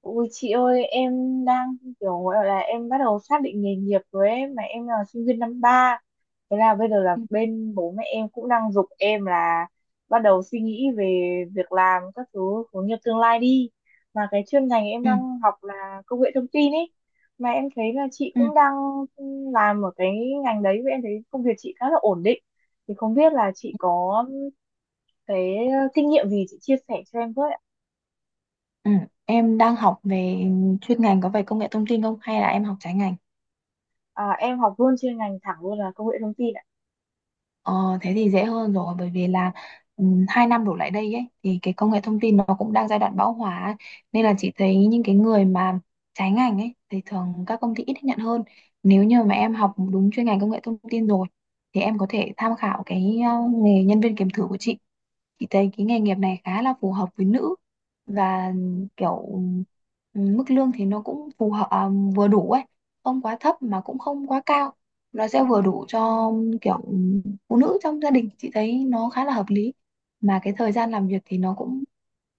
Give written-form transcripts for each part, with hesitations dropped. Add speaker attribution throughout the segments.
Speaker 1: Ui chị ơi, em đang kiểu gọi là em bắt đầu xác định nghề nghiệp rồi ấy, mà em là sinh viên năm ba. Thế là bây giờ là
Speaker 2: Ừ,
Speaker 1: bên bố mẹ em cũng đang giục em là bắt đầu suy nghĩ về việc làm các thứ, hướng nghiệp tương lai đi, mà cái chuyên ngành em
Speaker 2: ừ,
Speaker 1: đang học là công nghệ thông tin ấy, mà em thấy là chị
Speaker 2: ừ.
Speaker 1: cũng đang làm ở cái ngành đấy và em thấy công việc chị khá là ổn định. Thì không biết là chị có cái kinh nghiệm gì chị chia sẻ cho em với ạ?
Speaker 2: Ừ. Em đang học về chuyên ngành có về công nghệ thông tin không hay là em học trái ngành?
Speaker 1: À, em học luôn chuyên ngành thẳng luôn là công nghệ thông tin ạ.
Speaker 2: Ờ, thế thì dễ hơn rồi bởi vì là ừ, 2 năm đổ lại đây ấy thì cái công nghệ thông tin nó cũng đang giai đoạn bão hòa ấy. Nên là chị thấy những cái người mà trái ngành ấy thì thường các công ty ít nhận hơn. Nếu như mà em học đúng chuyên ngành công nghệ thông tin rồi thì em có thể tham khảo cái nghề nhân viên kiểm thử của chị. Chị thấy cái nghề nghiệp này khá là phù hợp với nữ, và kiểu mức lương thì nó cũng phù hợp, vừa đủ ấy, không quá thấp mà cũng không quá cao, nó sẽ vừa đủ cho kiểu phụ nữ trong gia đình, chị thấy nó khá là hợp lý. Mà cái thời gian làm việc thì nó cũng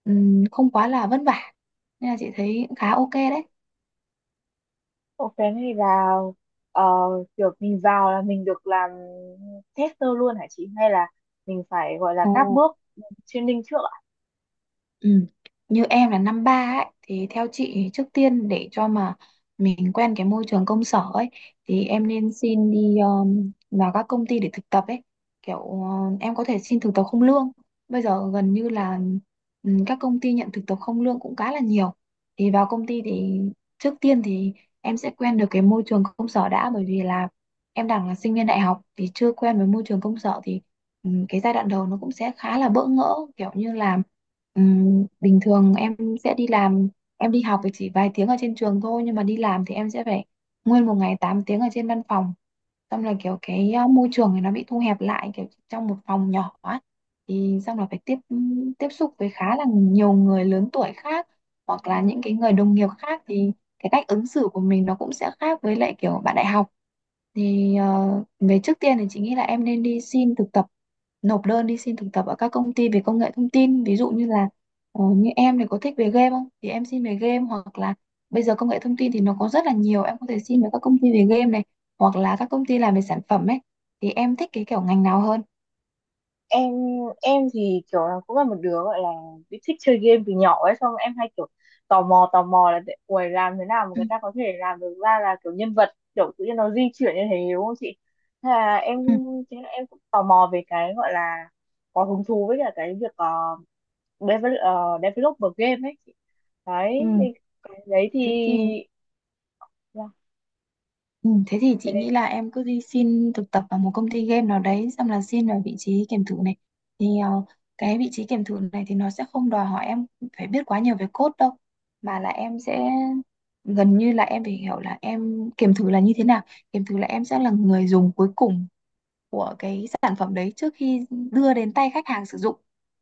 Speaker 2: không quá là vất vả, nên là chị thấy khá ok đấy.
Speaker 1: Ủa, cái này là ờ, kiểu mình vào là mình được làm tester luôn hả chị? Hay là mình phải gọi là
Speaker 2: Ờ.
Speaker 1: các bước training trước ạ?
Speaker 2: Ừ. Như em là năm ba ấy thì theo chị thì trước tiên để cho mà mình quen cái môi trường công sở ấy thì em nên xin đi, vào các công ty để thực tập ấy, kiểu em có thể xin thực tập không lương, bây giờ gần như là các công ty nhận thực tập không lương cũng khá là nhiều. Thì vào công ty thì trước tiên thì em sẽ quen được cái môi trường công sở đã, bởi vì là em đang là sinh viên đại học thì chưa quen với môi trường công sở thì cái giai đoạn đầu nó cũng sẽ khá là bỡ ngỡ, kiểu như là bình thường em sẽ đi làm, em đi học thì chỉ vài tiếng ở trên trường thôi nhưng mà đi làm thì em sẽ phải nguyên một ngày 8 tiếng ở trên văn phòng, xong là kiểu cái môi trường này nó bị thu hẹp lại kiểu trong một phòng nhỏ ấy. Thì xong là phải tiếp tiếp xúc với khá là nhiều người lớn tuổi khác, hoặc là những cái người đồng nghiệp khác, thì cái cách ứng xử của mình nó cũng sẽ khác với lại kiểu bạn đại học. Thì về trước tiên thì chị nghĩ là em nên đi xin thực tập, nộp đơn đi xin thực tập ở các công ty về công nghệ thông tin, ví dụ như là như em thì có thích về game không thì em xin về game, hoặc là bây giờ công nghệ thông tin thì nó có rất là nhiều, em có thể xin về các công ty về game này, hoặc là các công ty làm về sản phẩm ấy, thì em thích cái kiểu ngành nào hơn?
Speaker 1: Em em thì kiểu là cũng là một đứa gọi là bị thích chơi game từ nhỏ ấy, xong em hay kiểu tò mò là để- uầy làm thế nào mà
Speaker 2: Ừ.
Speaker 1: người ta có thể làm được ra là kiểu nhân vật kiểu tự nhiên nó di chuyển như thế đúng không chị? Thế là em
Speaker 2: Ừ.
Speaker 1: thế là em cũng tò mò về cái gọi là có hứng thú với cả cái việc develop, developer game ấy. Đấy
Speaker 2: Ừ.
Speaker 1: thì cái đấy thì
Speaker 2: Thế thì
Speaker 1: là
Speaker 2: Ừ, thế thì chị
Speaker 1: cái
Speaker 2: nghĩ
Speaker 1: đấy
Speaker 2: là em cứ đi xin thực tập vào một công ty game nào đấy, xong là xin vào vị trí kiểm thử này. Thì cái vị trí kiểm thử này thì nó sẽ không đòi hỏi em phải biết quá nhiều về code đâu, mà là em sẽ gần như là em phải hiểu là em kiểm thử là như thế nào. Kiểm thử là em sẽ là người dùng cuối cùng của cái sản phẩm đấy trước khi đưa đến tay khách hàng sử dụng,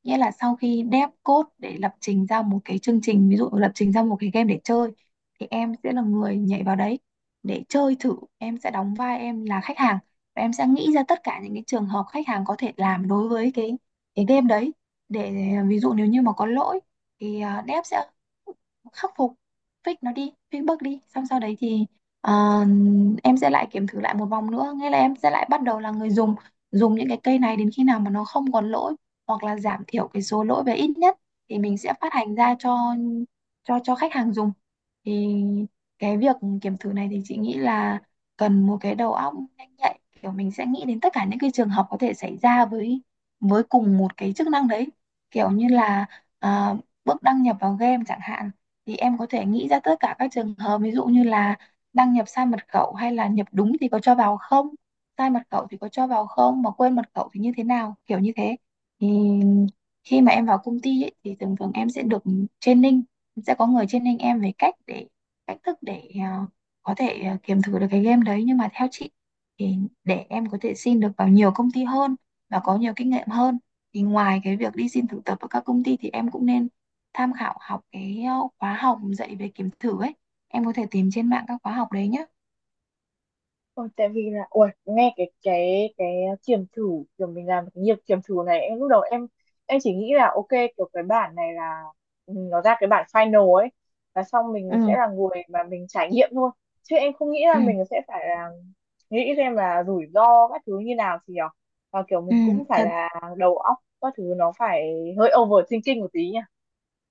Speaker 2: nghĩa là sau khi dev code để lập trình ra một cái chương trình, ví dụ lập trình ra một cái game để chơi, thì em sẽ là người nhảy vào đấy để chơi thử, em sẽ đóng vai em là khách hàng và em sẽ nghĩ ra tất cả những cái trường hợp khách hàng có thể làm đối với cái game đấy, để ví dụ nếu như mà có lỗi thì dev sẽ khắc phục, fix nó đi, fix bug đi, xong sau đấy thì Ờ, em sẽ lại kiểm thử lại một vòng nữa, nghĩa là em sẽ lại bắt đầu là người dùng, dùng những cái cây này đến khi nào mà nó không còn lỗi hoặc là giảm thiểu cái số lỗi về ít nhất, thì mình sẽ phát hành ra cho khách hàng dùng. Thì cái việc kiểm thử này thì chị nghĩ là cần một cái đầu óc nhanh nhạy, kiểu mình sẽ nghĩ đến tất cả những cái trường hợp có thể xảy ra với cùng một cái chức năng đấy, kiểu như là à, bước đăng nhập vào game chẳng hạn, thì em có thể nghĩ ra tất cả các trường hợp, ví dụ như là đăng nhập sai mật khẩu, hay là nhập đúng thì có cho vào không, sai mật khẩu thì có cho vào không, mà quên mật khẩu thì như thế nào, kiểu như thế. Thì khi mà em vào công ty ấy, thì thường thường em sẽ được training, sẽ có người training em về cách để, cách thức để có thể kiểm thử được cái game đấy. Nhưng mà theo chị thì để em có thể xin được vào nhiều công ty hơn và có nhiều kinh nghiệm hơn, thì ngoài cái việc đi xin thực tập ở các công ty thì em cũng nên tham khảo học cái khóa học dạy về kiểm thử ấy, em có thể tìm trên mạng các khóa học đấy nhé.
Speaker 1: Ôi, tại vì là ui nghe cái kiểm thử, kiểu mình làm cái nghiệp kiểm thử này, em lúc đầu em chỉ nghĩ là ok, kiểu cái bản này là, ừ, nó ra cái bản final ấy, và xong mình
Speaker 2: Ừ.
Speaker 1: sẽ là người mà mình trải nghiệm thôi, chứ em không nghĩ là
Speaker 2: Ừ.
Speaker 1: mình sẽ phải là nghĩ xem là rủi ro các thứ như nào thì nhở, và kiểu
Speaker 2: Ừ.
Speaker 1: mình cũng phải
Speaker 2: Thật.
Speaker 1: là đầu óc các thứ nó phải hơi overthinking một tí nhỉ.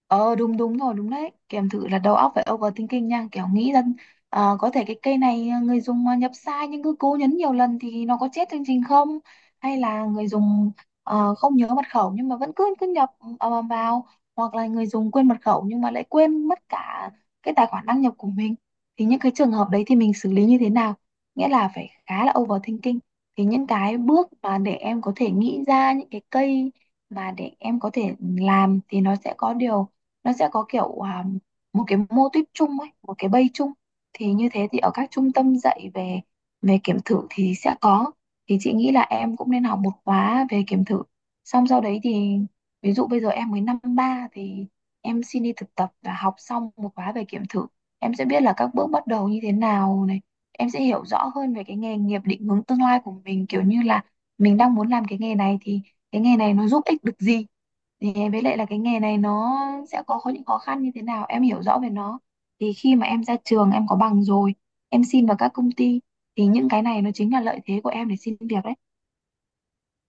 Speaker 2: Ờ, đúng, đúng rồi, đúng đấy, kèm thử là đầu óc phải overthinking nha, kiểu nghĩ rằng có thể cái cây này người dùng nhập sai nhưng cứ cố nhấn nhiều lần thì nó có chết chương trình không, hay là người dùng không nhớ mật khẩu nhưng mà vẫn cứ cứ nhập vào, hoặc là người dùng quên mật khẩu nhưng mà lại quên mất cả cái tài khoản đăng nhập của mình, thì những cái trường hợp đấy thì mình xử lý như thế nào, nghĩa là phải khá là overthinking. Thì những cái bước mà để em có thể nghĩ ra những cái cây mà để em có thể làm thì nó sẽ có điều, nó sẽ có kiểu một cái mô típ chung ấy, một cái bay chung, thì như thế thì ở các trung tâm dạy về về kiểm thử thì sẽ có. Thì chị nghĩ là em cũng nên học một khóa về kiểm thử, xong sau đấy thì ví dụ bây giờ em mới năm ba thì em xin đi thực tập và học xong một khóa về kiểm thử, em sẽ biết là các bước bắt đầu như thế nào này, em sẽ hiểu rõ hơn về cái nghề nghiệp định hướng tương lai của mình, kiểu như là mình đang muốn làm cái nghề này thì cái nghề này nó giúp ích được gì, thì với lại là cái nghề này nó sẽ có những khó khăn như thế nào, em hiểu rõ về nó, thì khi mà em ra trường em có bằng rồi, em xin vào các công ty, thì những cái này nó chính là lợi thế của em để xin việc đấy.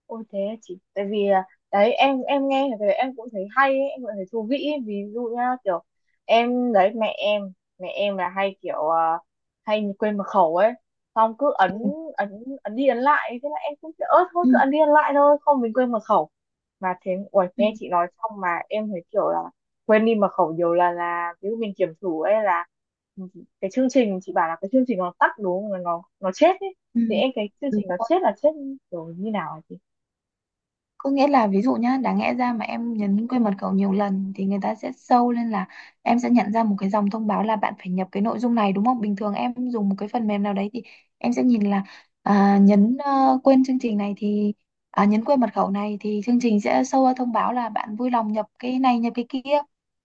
Speaker 1: Ôi thế à chị, tại vì đấy, em nghe về em cũng thấy hay ấy, em cũng thấy thú vị ấy. Ví dụ nhá, kiểu em đấy, mẹ em là hay kiểu hay quên mật khẩu ấy, xong cứ ấn
Speaker 2: Ừ,
Speaker 1: ấn ấn đi ấn lại, thế là em cũng kiểu ớt thôi
Speaker 2: ừ,
Speaker 1: cứ ấn đi ấn lại thôi không mình quên mật khẩu, mà thế ui
Speaker 2: ừ.
Speaker 1: nghe chị nói xong mà em thấy kiểu là quên đi mật khẩu nhiều lần, là ví dụ mình kiểm thử ấy, là, ừ, cái chương trình chị bảo là cái chương trình nó tắt đúng không, nó nó chết ấy,
Speaker 2: Ừ.
Speaker 1: thì em cái chương
Speaker 2: Đúng.
Speaker 1: trình nó chết là chết kiểu như nào hả chị?
Speaker 2: Có nghĩa là ví dụ nhá, đáng lẽ ra mà em nhấn quên mật khẩu nhiều lần thì người ta sẽ show lên là, em sẽ nhận ra một cái dòng thông báo là bạn phải nhập cái nội dung này đúng không? Bình thường em dùng một cái phần mềm nào đấy thì em sẽ nhìn là nhấn quên chương trình này thì, nhấn quên mật khẩu này thì chương trình sẽ show ra thông báo là bạn vui lòng nhập cái này nhập cái kia.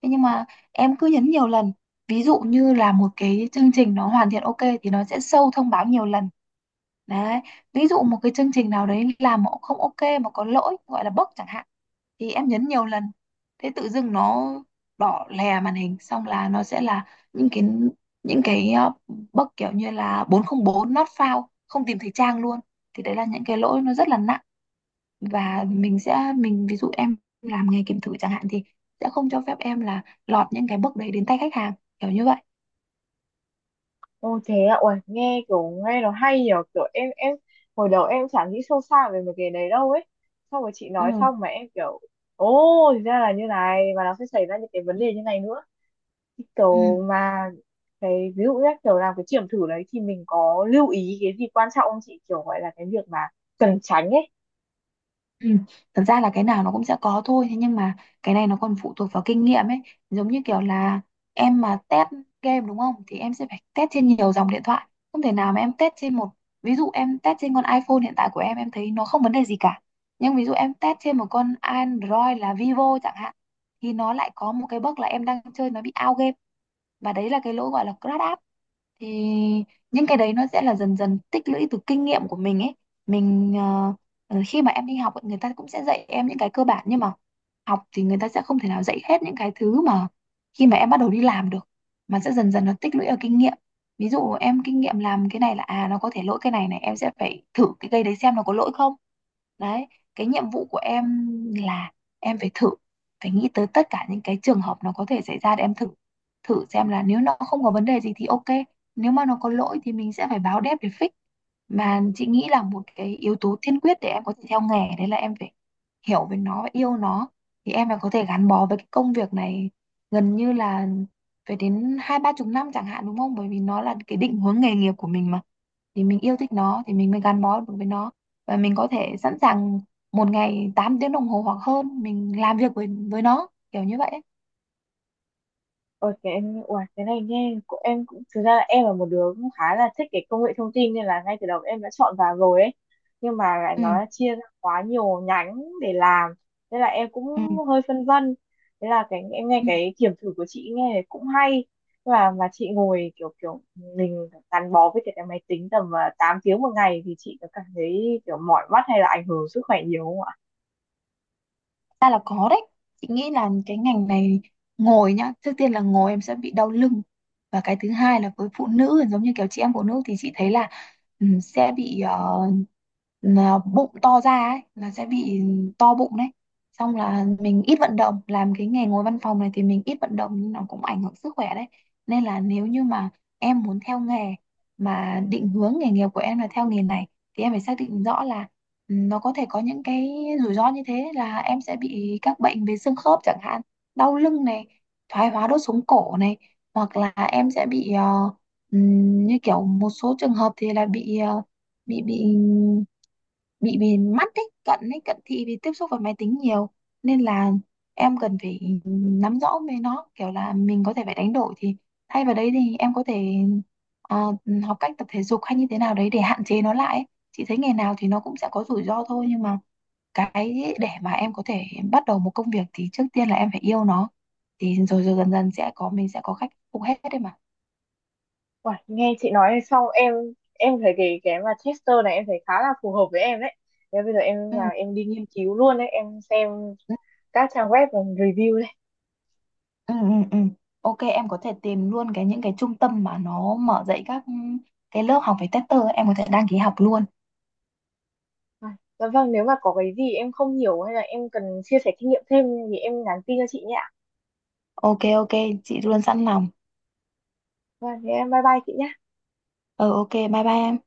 Speaker 2: Thế nhưng mà em cứ nhấn nhiều lần. Ví dụ như là một cái chương trình nó hoàn thiện ok thì nó sẽ show thông báo nhiều lần. Đấy, ví dụ một cái chương trình nào đấy làm mà không ok, mà có lỗi gọi là bug chẳng hạn, thì em nhấn nhiều lần, thế tự dưng nó đỏ lè màn hình, xong là nó sẽ là những cái, những cái ờ, bug kiểu như là 404, not found, không tìm thấy trang luôn, thì đấy là những cái lỗi nó rất là nặng, và mình sẽ, mình ví dụ em làm nghề kiểm thử chẳng hạn thì sẽ không cho phép em là lọt những cái bug đấy đến tay khách hàng, kiểu như vậy.
Speaker 1: Ô thế ạ, uầy, nghe kiểu nghe nó hay nhở, kiểu em hồi đầu em chẳng nghĩ sâu xa về mấy cái đấy đâu ấy. Xong rồi chị
Speaker 2: Ừ.
Speaker 1: nói xong mà em kiểu, ô thì ra là như này và nó sẽ xảy ra những cái vấn đề như này nữa. Cái
Speaker 2: Ừ.
Speaker 1: kiểu mà cái ví dụ như kiểu làm cái kiểm thử đấy thì mình có lưu ý cái gì quan trọng không chị? Kiểu gọi là cái việc mà cần tránh ấy.
Speaker 2: Ừ. Thật ra là cái nào nó cũng sẽ có thôi, thế nhưng mà cái này nó còn phụ thuộc vào kinh nghiệm ấy, giống như kiểu là em mà test game đúng không, thì em sẽ phải test trên nhiều dòng điện thoại, không thể nào mà em test trên một, ví dụ em test trên con iPhone hiện tại của em thấy nó không vấn đề gì cả, nhưng ví dụ em test trên một con Android là Vivo chẳng hạn thì nó lại có một cái bug là em đang chơi nó bị out game, và đấy là cái lỗi gọi là crash app. Thì những cái đấy nó sẽ là dần dần tích lũy từ kinh nghiệm của mình ấy. Mình khi mà em đi học ấy, người ta cũng sẽ dạy em những cái cơ bản, nhưng mà học thì người ta sẽ không thể nào dạy hết những cái thứ mà khi mà em bắt đầu đi làm được, mà sẽ dần dần nó tích lũy ở kinh nghiệm. Ví dụ em kinh nghiệm làm cái này là à nó có thể lỗi cái này này, em sẽ phải thử cái cây đấy xem nó có lỗi không. Đấy, cái nhiệm vụ của em là em phải thử, phải nghĩ tới tất cả những cái trường hợp nó có thể xảy ra để em thử. Thử xem là nếu nó không có vấn đề gì thì ok, nếu mà nó có lỗi thì mình sẽ phải báo dev để fix. Mà chị nghĩ là một cái yếu tố tiên quyết để em có thể theo nghề đấy là em phải hiểu về nó và yêu nó. Thì em phải có thể gắn bó với cái công việc này gần như là phải đến 20 30 năm chẳng hạn, đúng không? Bởi vì nó là cái định hướng nghề nghiệp của mình mà, thì mình yêu thích nó thì mình mới gắn bó được với nó, và mình có thể sẵn sàng một ngày 8 tiếng đồng hồ hoặc hơn mình làm việc với nó kiểu như vậy ấy.
Speaker 1: Ôi cái em uầy, cái này nghe, của em cũng thực ra là em là một đứa cũng khá là thích cái công nghệ thông tin nên là ngay từ đầu em đã chọn vào rồi ấy, nhưng mà lại
Speaker 2: Ừ,
Speaker 1: nó chia ra quá nhiều nhánh để làm, nên là em cũng
Speaker 2: ừ,
Speaker 1: hơi phân vân. Thế là cái em nghe
Speaker 2: ừ,
Speaker 1: cái kiểm thử của chị nghe cũng hay, và mà chị ngồi kiểu kiểu mình gắn bó với cái máy tính tầm 8 tiếng một ngày, thì chị có cảm thấy kiểu mỏi mắt hay là ảnh hưởng sức khỏe nhiều không ạ?
Speaker 2: ra là có đấy. Chị nghĩ là cái ngành này, ngồi nhá, trước tiên là ngồi em sẽ bị đau lưng, và cái thứ hai là với phụ nữ, giống như kiểu chị em phụ nữ thì chị thấy là sẽ bị là bụng to ra ấy, là sẽ bị to bụng đấy. Xong là mình ít vận động, làm cái nghề ngồi văn phòng này thì mình ít vận động, nhưng nó cũng ảnh hưởng sức khỏe đấy. Nên là nếu như mà em muốn theo nghề, mà định hướng nghề nghiệp của em là theo nghề này, thì em phải xác định rõ là, ừ, nó có thể có những cái rủi ro như thế, là em sẽ bị các bệnh về xương khớp chẳng hạn, đau lưng này, thoái hóa đốt sống cổ này, hoặc là em sẽ bị như kiểu một số trường hợp thì là bị bị bị bị về mắt ấy, cận ấy, cận thị vì tiếp xúc với máy tính nhiều. Nên là em cần phải nắm rõ về nó, kiểu là mình có thể phải đánh đổi, thì thay vào đấy thì em có thể ờ, học cách tập thể dục hay như thế nào đấy để hạn chế nó lại ấy. Chị thấy nghề nào thì nó cũng sẽ có rủi ro thôi, nhưng mà cái để mà em có thể bắt đầu một công việc thì trước tiên là em phải yêu nó, thì rồi rồi dần dần sẽ có, mình sẽ có khách phục hết đấy mà.
Speaker 1: Uầy, nghe chị nói xong em thấy cái mà Chester này em thấy khá là phù hợp với em đấy. Thế bây giờ em
Speaker 2: Ừ.
Speaker 1: là em đi nghiên cứu luôn đấy, em xem các trang web và review đây.
Speaker 2: Ừ, ừ, ừ. Ok, em có thể tìm luôn cái những cái trung tâm mà nó mở dạy các cái lớp học về tester ấy, em có thể đăng ký học luôn.
Speaker 1: À, dạ vâng, nếu mà có cái gì em không hiểu hay là em cần chia sẻ kinh nghiệm thêm thì em nhắn tin cho chị nhé ạ.
Speaker 2: Ok, ok, chị luôn sẵn lòng.
Speaker 1: Vâng, thế em bye bye chị nhé.
Speaker 2: Ừ, ok, bye bye em.